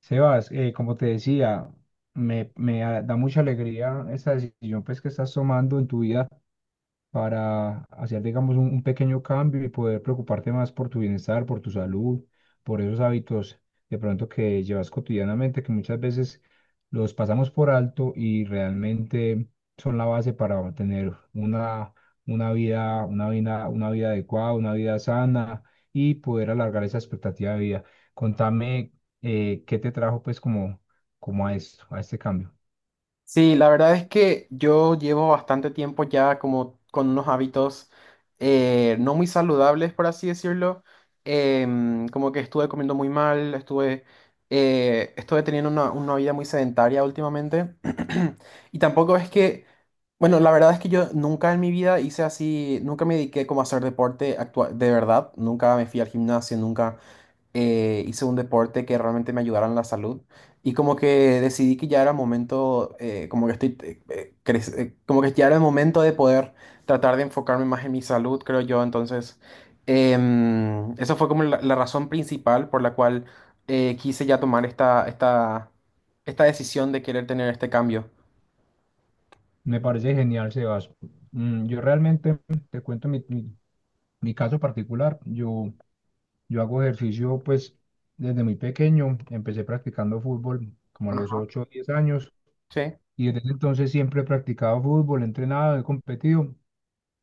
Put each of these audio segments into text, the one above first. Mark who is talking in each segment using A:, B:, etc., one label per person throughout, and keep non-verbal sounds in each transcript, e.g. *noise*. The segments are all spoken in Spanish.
A: Sebas, como te decía, me da mucha alegría esta decisión pues, que estás tomando en tu vida para hacer, digamos, un pequeño cambio y poder preocuparte más por tu bienestar, por tu salud, por esos hábitos de pronto que llevas cotidianamente, que muchas veces los pasamos por alto y realmente son la base para tener una vida adecuada, una vida sana y poder alargar esa expectativa de vida. Contame, ¿qué te trajo pues como, a esto, a este cambio?
B: Sí, la verdad es que yo llevo bastante tiempo ya como con unos hábitos no muy saludables, por así decirlo. Como que estuve comiendo muy mal, estuve teniendo una vida muy sedentaria últimamente. *clears throat* Y tampoco es que, bueno, la verdad es que yo nunca en mi vida hice así, nunca me dediqué como a hacer de verdad, nunca me fui al gimnasio, nunca hice un deporte que realmente me ayudara en la salud y como que decidí que ya era momento, como que ya era el momento de poder tratar de enfocarme más en mi salud, creo yo. Entonces, esa fue como la razón principal por la cual quise ya tomar esta decisión de querer tener este cambio.
A: Me parece genial, Sebas. Yo realmente te cuento mi caso particular, yo hago ejercicio pues desde muy pequeño, empecé practicando fútbol como a los
B: Ajá.
A: 8 o 10 años
B: Sí,
A: y desde ese entonces siempre he practicado fútbol, he entrenado, he competido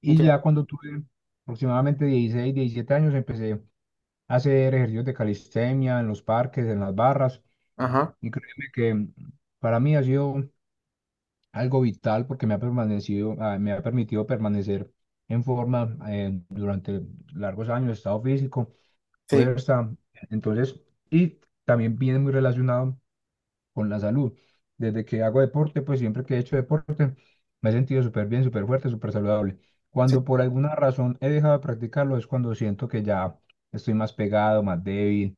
A: y ya
B: entiendo.
A: cuando tuve aproximadamente 16 17 años empecé a hacer ejercicios de calistenia en los parques, en las barras
B: Ajá.
A: y créeme que para mí ha sido algo vital porque me ha permitido permanecer en forma durante largos años de estado físico
B: Sí,
A: fuerza. Entonces, y también viene muy relacionado con la salud. Desde que hago deporte, pues siempre que he hecho deporte, me he sentido súper bien, súper fuerte, súper saludable.
B: sí,
A: Cuando por alguna razón he dejado de practicarlo, es cuando siento que ya estoy más pegado, más débil.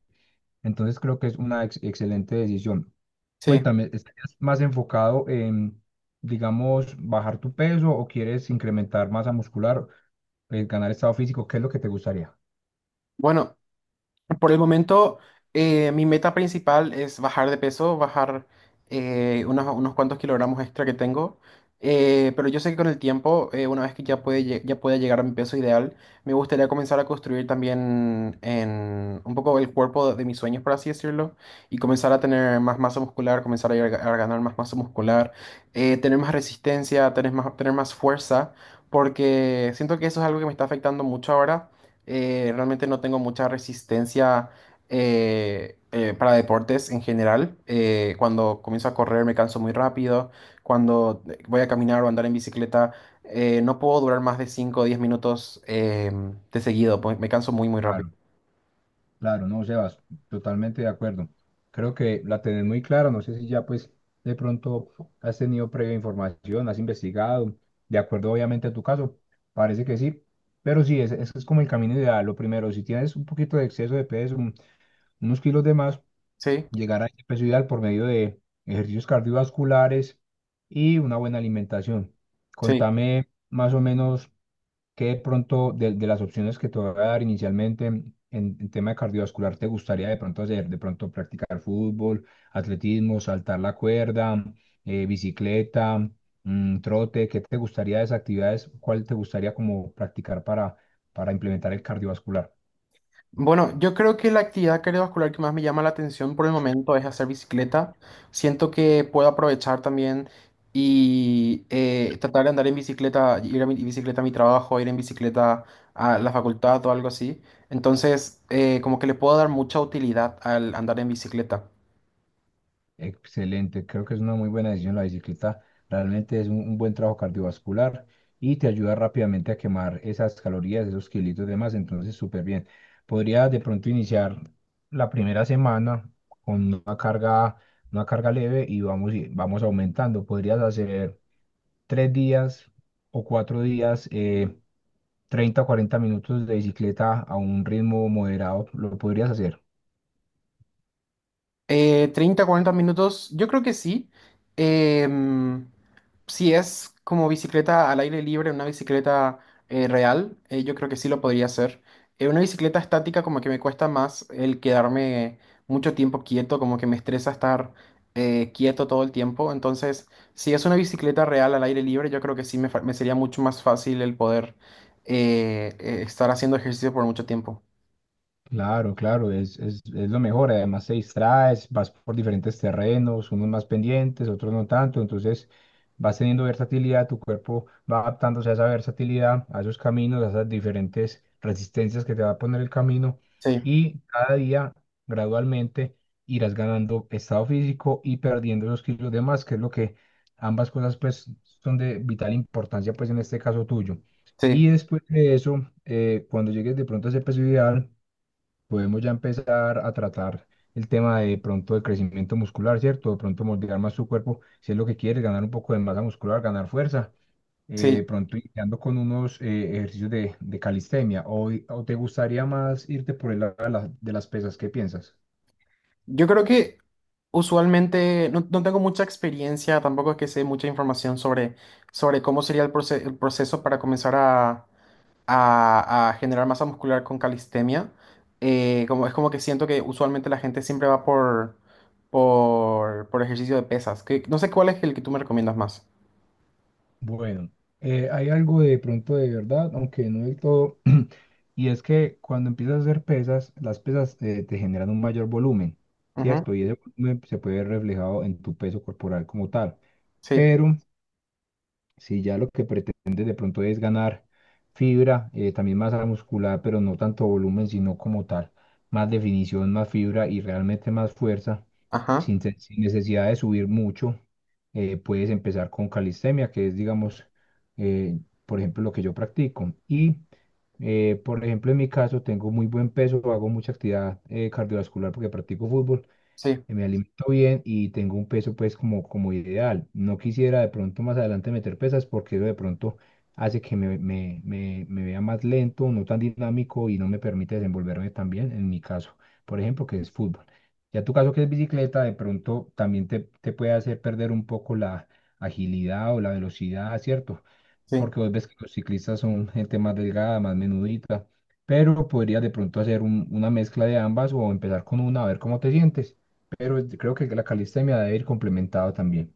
A: Entonces, creo que es una excelente decisión.
B: sí.
A: Cuéntame, ¿estás más enfocado en, digamos, bajar tu peso o quieres incrementar masa muscular, ganar estado físico? ¿Qué es lo que te gustaría?
B: Bueno. Por el momento, mi meta principal es bajar de peso, bajar unos cuantos kilogramos extra que tengo. Pero yo sé que con el tiempo, una vez que ya pueda llegar a mi peso ideal, me gustaría comenzar a construir también en un poco el cuerpo de mis sueños, por así decirlo, y comenzar a tener más masa muscular, a ganar más masa muscular, tener más resistencia, tener más fuerza, porque siento que eso es algo que me está afectando mucho ahora. Realmente no tengo mucha resistencia para deportes en general. Cuando comienzo a correr me canso muy rápido. Cuando voy a caminar o andar en bicicleta, no puedo durar más de 5 o 10 minutos de seguido, pues me canso muy, muy rápido.
A: Claro. Claro, no, Sebas, totalmente de acuerdo. Creo que la tenés muy clara, no sé si ya pues de pronto has tenido previa información, has investigado, de acuerdo obviamente a tu caso, parece que sí, pero sí, ese es como el camino ideal. Lo primero, si tienes un poquito de exceso de peso, unos kilos de más,
B: Sí,
A: llegar a ese peso ideal por medio de ejercicios cardiovasculares y una buena alimentación.
B: sí.
A: Contame más o menos. ¿Qué de pronto de las opciones que te voy a dar inicialmente en tema de cardiovascular te gustaría de pronto hacer? De pronto practicar fútbol, atletismo, saltar la cuerda, bicicleta, trote. ¿Qué te gustaría de esas actividades? ¿Cuál te gustaría como practicar para implementar el cardiovascular?
B: Bueno, yo creo que la actividad cardiovascular que más me llama la atención por el momento es hacer bicicleta. Siento que puedo aprovechar también y tratar de andar en bicicleta, ir en bicicleta a mi trabajo, ir en bicicleta a la facultad o algo así. Entonces, como que le puedo dar mucha utilidad al andar en bicicleta.
A: Excelente, creo que es una muy buena decisión la bicicleta. Realmente es un buen trabajo cardiovascular y te ayuda rápidamente a quemar esas calorías, esos kilitos y demás. Entonces, súper bien. Podría de pronto iniciar la primera semana con una carga leve y vamos aumentando. Podrías hacer 3 días o 4 días, 30 o 40 minutos de bicicleta a un ritmo moderado. Lo podrías hacer.
B: 30, 40 minutos, yo creo que sí. Em, si es como bicicleta al aire libre, una bicicleta real, yo creo que sí lo podría hacer. Una bicicleta estática como que me cuesta más el quedarme mucho tiempo quieto, como que me estresa estar quieto todo el tiempo. Entonces, si es una bicicleta real al aire libre, yo creo que sí me sería mucho más fácil el poder estar haciendo ejercicio por mucho tiempo.
A: Claro, claro, es lo mejor. Además, te distraes, vas por diferentes terrenos, unos más pendientes, otros no tanto. Entonces, vas teniendo versatilidad, tu cuerpo va adaptándose a esa versatilidad, a esos caminos, a esas diferentes resistencias que te va a poner el camino.
B: Sí,
A: Y cada día, gradualmente, irás ganando estado físico y perdiendo los kilos de más, que es lo que ambas cosas, pues, son de vital importancia, pues, en este caso tuyo. Y
B: sí,
A: después de eso, cuando llegues de pronto a ese peso ideal, podemos ya empezar a tratar el tema de pronto de crecimiento muscular, ¿cierto? De pronto moldear más su cuerpo, si es lo que quieres, ganar un poco de masa muscular, ganar fuerza. eh,
B: sí.
A: de pronto iniciando con unos ejercicios de calistenia. O te gustaría más irte por el lado de las pesas? ¿Qué piensas?
B: Yo creo que usualmente no tengo mucha experiencia, tampoco es que sé mucha información sobre, sobre cómo sería el proceso para comenzar a generar masa muscular con calistenia. Es como que siento que usualmente la gente siempre va por ejercicio de pesas. Que, no sé cuál es el que tú me recomiendas más.
A: Bueno, hay algo de pronto de verdad, aunque no del todo, *clears throat* y es que cuando empiezas a hacer pesas, las pesas te generan un mayor volumen,
B: Ujú.
A: ¿cierto? Y ese volumen se puede ver reflejado en tu peso corporal como tal.
B: Sí,
A: Pero si ya lo que pretendes de pronto es ganar fibra, también masa muscular, pero no tanto volumen, sino como tal, más definición, más fibra y realmente más fuerza,
B: ajá,
A: sin necesidad de subir mucho, puedes empezar con calistenia, que es, digamos, eh, por ejemplo, lo que yo practico. Y, por ejemplo, en mi caso, tengo muy buen peso, hago mucha actividad cardiovascular porque practico fútbol.
B: sí,
A: Me alimento bien y tengo un peso pues como, ideal. No quisiera de pronto más adelante meter pesas porque eso de pronto hace que me vea más lento, no tan dinámico y no me permite desenvolverme tan bien en mi caso, por ejemplo, que es fútbol. Ya tu caso que es bicicleta, de pronto también te puede hacer perder un poco la agilidad o la velocidad, ¿cierto?
B: sí,
A: Porque vos ves que los ciclistas son gente más delgada, más menudita, pero podrías de pronto hacer una mezcla de ambas o empezar con una a ver cómo te sientes, pero creo que la calistenia debe ir complementado también.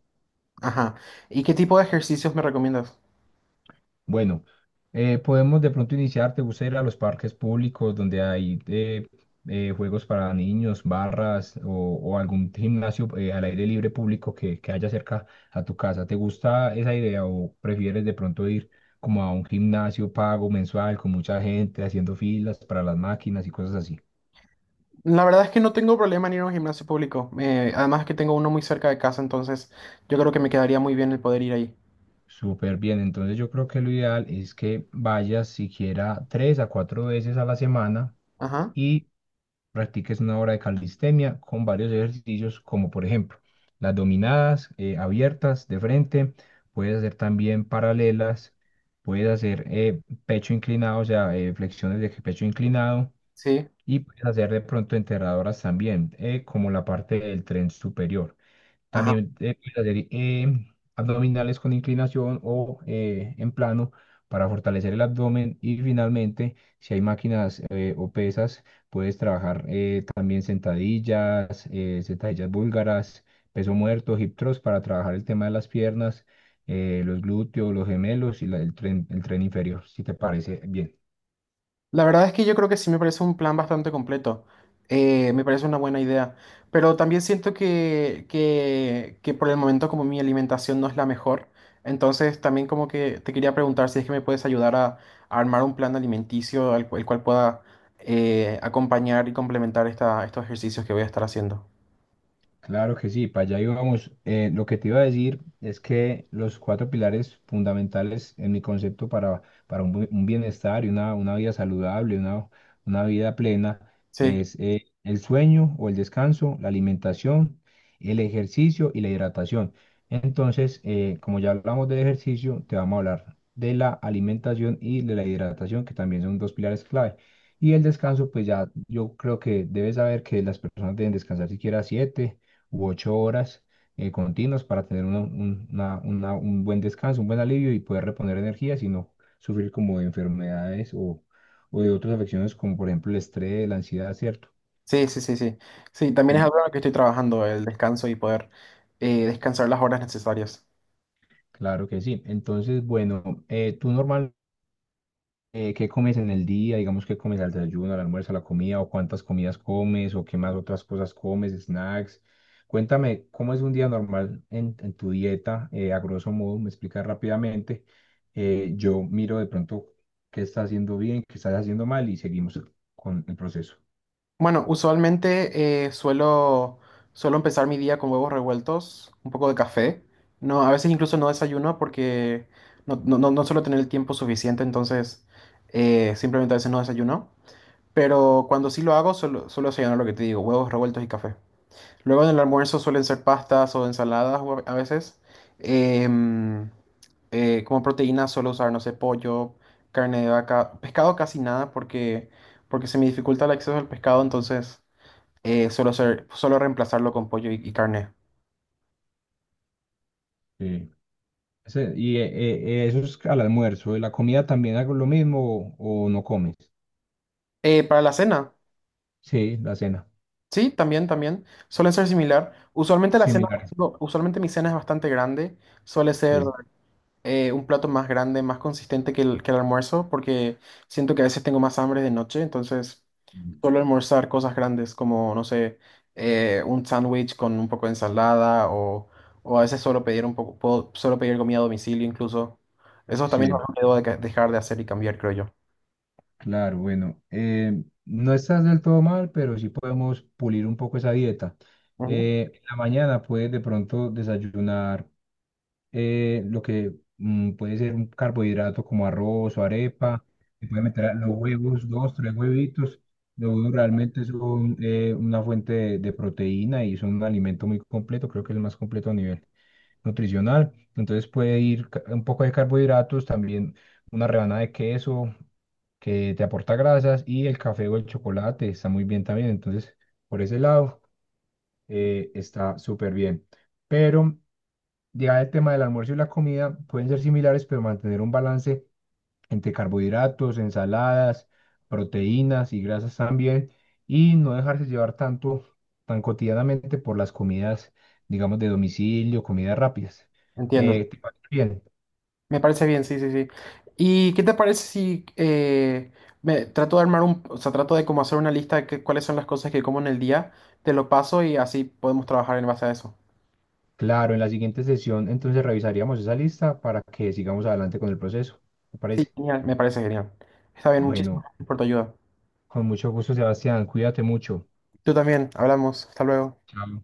B: ajá. ¿Y qué tipo de ejercicios me recomiendas?
A: Bueno, podemos de pronto iniciar, ¿te gusta ir a los parques públicos donde hay juegos para niños, barras o algún gimnasio al aire libre público que haya cerca a tu casa? ¿Te gusta esa idea o prefieres de pronto ir como a un gimnasio pago mensual con mucha gente haciendo filas para las máquinas y cosas así?
B: La verdad es que no tengo problema en ir a un gimnasio público. Además que tengo uno muy cerca de casa, entonces yo creo que me quedaría muy bien el poder ir ahí.
A: Súper bien, entonces yo creo que lo ideal es que vayas siquiera 3 a 4 veces a la semana
B: Ajá,
A: y practiques una hora de calistenia con varios ejercicios, como por ejemplo las dominadas abiertas de frente, puedes hacer también paralelas, puedes hacer pecho inclinado, o sea, flexiones de pecho inclinado,
B: sí,
A: y puedes hacer de pronto enterradoras también, como la parte del tren superior.
B: ajá.
A: También puedes hacer abdominales con inclinación o en plano para fortalecer el abdomen. Y finalmente, si hay máquinas o pesas, puedes trabajar también sentadillas, sentadillas búlgaras, peso muerto, hip thrust para trabajar el tema de las piernas, los glúteos, los gemelos y el tren inferior, si te parece bien.
B: La verdad es que yo creo que sí me parece un plan bastante completo. Me parece una buena idea. Pero también siento que por el momento como mi alimentación no es la mejor, entonces también como que te quería preguntar si es que me puedes ayudar a armar un plan alimenticio el cual pueda acompañar y complementar estos ejercicios que voy a estar haciendo.
A: Claro que sí, para allá íbamos. Lo que te iba a decir es que los cuatro pilares fundamentales en mi concepto para un bienestar y una vida saludable, una vida plena,
B: Sí.
A: es el sueño o el descanso, la alimentación, el ejercicio y la hidratación. Entonces, como ya hablamos del ejercicio, te vamos a hablar de la alimentación y de la hidratación, que también son dos pilares clave. Y el descanso, pues ya yo creo que debes saber que las personas deben descansar siquiera 7 u 8 horas continuas para tener un buen descanso, un buen alivio y poder reponer energías y no sufrir como de enfermedades o de otras afecciones como por ejemplo el estrés, la ansiedad, ¿cierto?
B: Sí, sí, sí, sí. Sí, también es
A: Mm,
B: algo en lo que estoy trabajando, el descanso y poder descansar las horas necesarias.
A: claro que sí. Entonces, bueno, tú normalmente, ¿qué comes en el día? Digamos, ¿qué comes al desayuno, al almuerzo, a la comida? ¿O cuántas comidas comes? ¿O qué más otras cosas comes? ¿Snacks? Cuéntame, ¿cómo es un día normal en, tu dieta? A grosso modo, me explicas rápidamente. Yo miro de pronto qué estás haciendo bien, qué estás haciendo mal y seguimos con el proceso.
B: Bueno, suelo empezar mi día con huevos revueltos, un poco de café. No, a veces incluso no desayuno porque no suelo tener el tiempo suficiente, entonces simplemente a veces no desayuno. Pero cuando sí lo hago, suelo desayunar lo que te digo, huevos revueltos y café. Luego en el almuerzo suelen ser pastas o ensaladas o a veces. Em, Como proteína suelo usar, no sé, pollo, carne de vaca, pescado casi nada porque se me dificulta el acceso al pescado, entonces suelo reemplazarlo con pollo y carne.
A: Eh, eso es al almuerzo. ¿Y la comida también hago lo mismo o no comes?
B: Para la cena,
A: Sí, la cena.
B: sí, también, también. Suele ser similar. Usualmente la cena,
A: Similares.
B: no, usualmente mi cena es bastante grande. Suele ser
A: Sí,
B: un plato más grande, más consistente que que el almuerzo, porque siento que a veces tengo más hambre de noche, entonces suelo almorzar cosas grandes como, no sé, un sándwich con un poco de ensalada o a veces solo pedir un poco, suelo pedir comida a domicilio incluso. Eso también es
A: sí.
B: algo que debo de dejar de hacer y cambiar, creo yo.
A: Claro, bueno, no estás del todo mal, pero sí podemos pulir un poco esa dieta.
B: Ujú.
A: En la mañana puedes de pronto desayunar lo que puede ser un carbohidrato como arroz o arepa. Se puede meter a los huevos, dos, tres huevitos. Los huevos realmente son una fuente de proteína y son un alimento muy completo, creo que es el más completo a nivel nutricional. Entonces puede ir un poco de carbohidratos, también una rebanada de queso que te aporta grasas y el café o el chocolate está muy bien también. Entonces, por ese lado, está súper bien. Pero ya el tema del almuerzo y la comida pueden ser similares, pero mantener un balance entre carbohidratos, ensaladas, proteínas y grasas también, y no dejarse llevar tanto, tan cotidianamente por las comidas, digamos, de domicilio, comidas rápidas.
B: Entiendo.
A: ¿Te parece bien?
B: Me parece bien, sí, sí, sí. ¿Y qué te parece si me trato de armar un, o sea, trato de como hacer una lista de cuáles son las cosas que como en el día, te lo paso y así podemos trabajar en base a eso?
A: Claro, en la siguiente sesión entonces revisaríamos esa lista para que sigamos adelante con el proceso. ¿Te
B: Sí,
A: parece?
B: genial, me parece genial. Está bien, muchísimas
A: Bueno,
B: gracias por tu ayuda.
A: con mucho gusto, Sebastián. Cuídate mucho.
B: Tú también, hablamos, hasta luego.
A: Chao.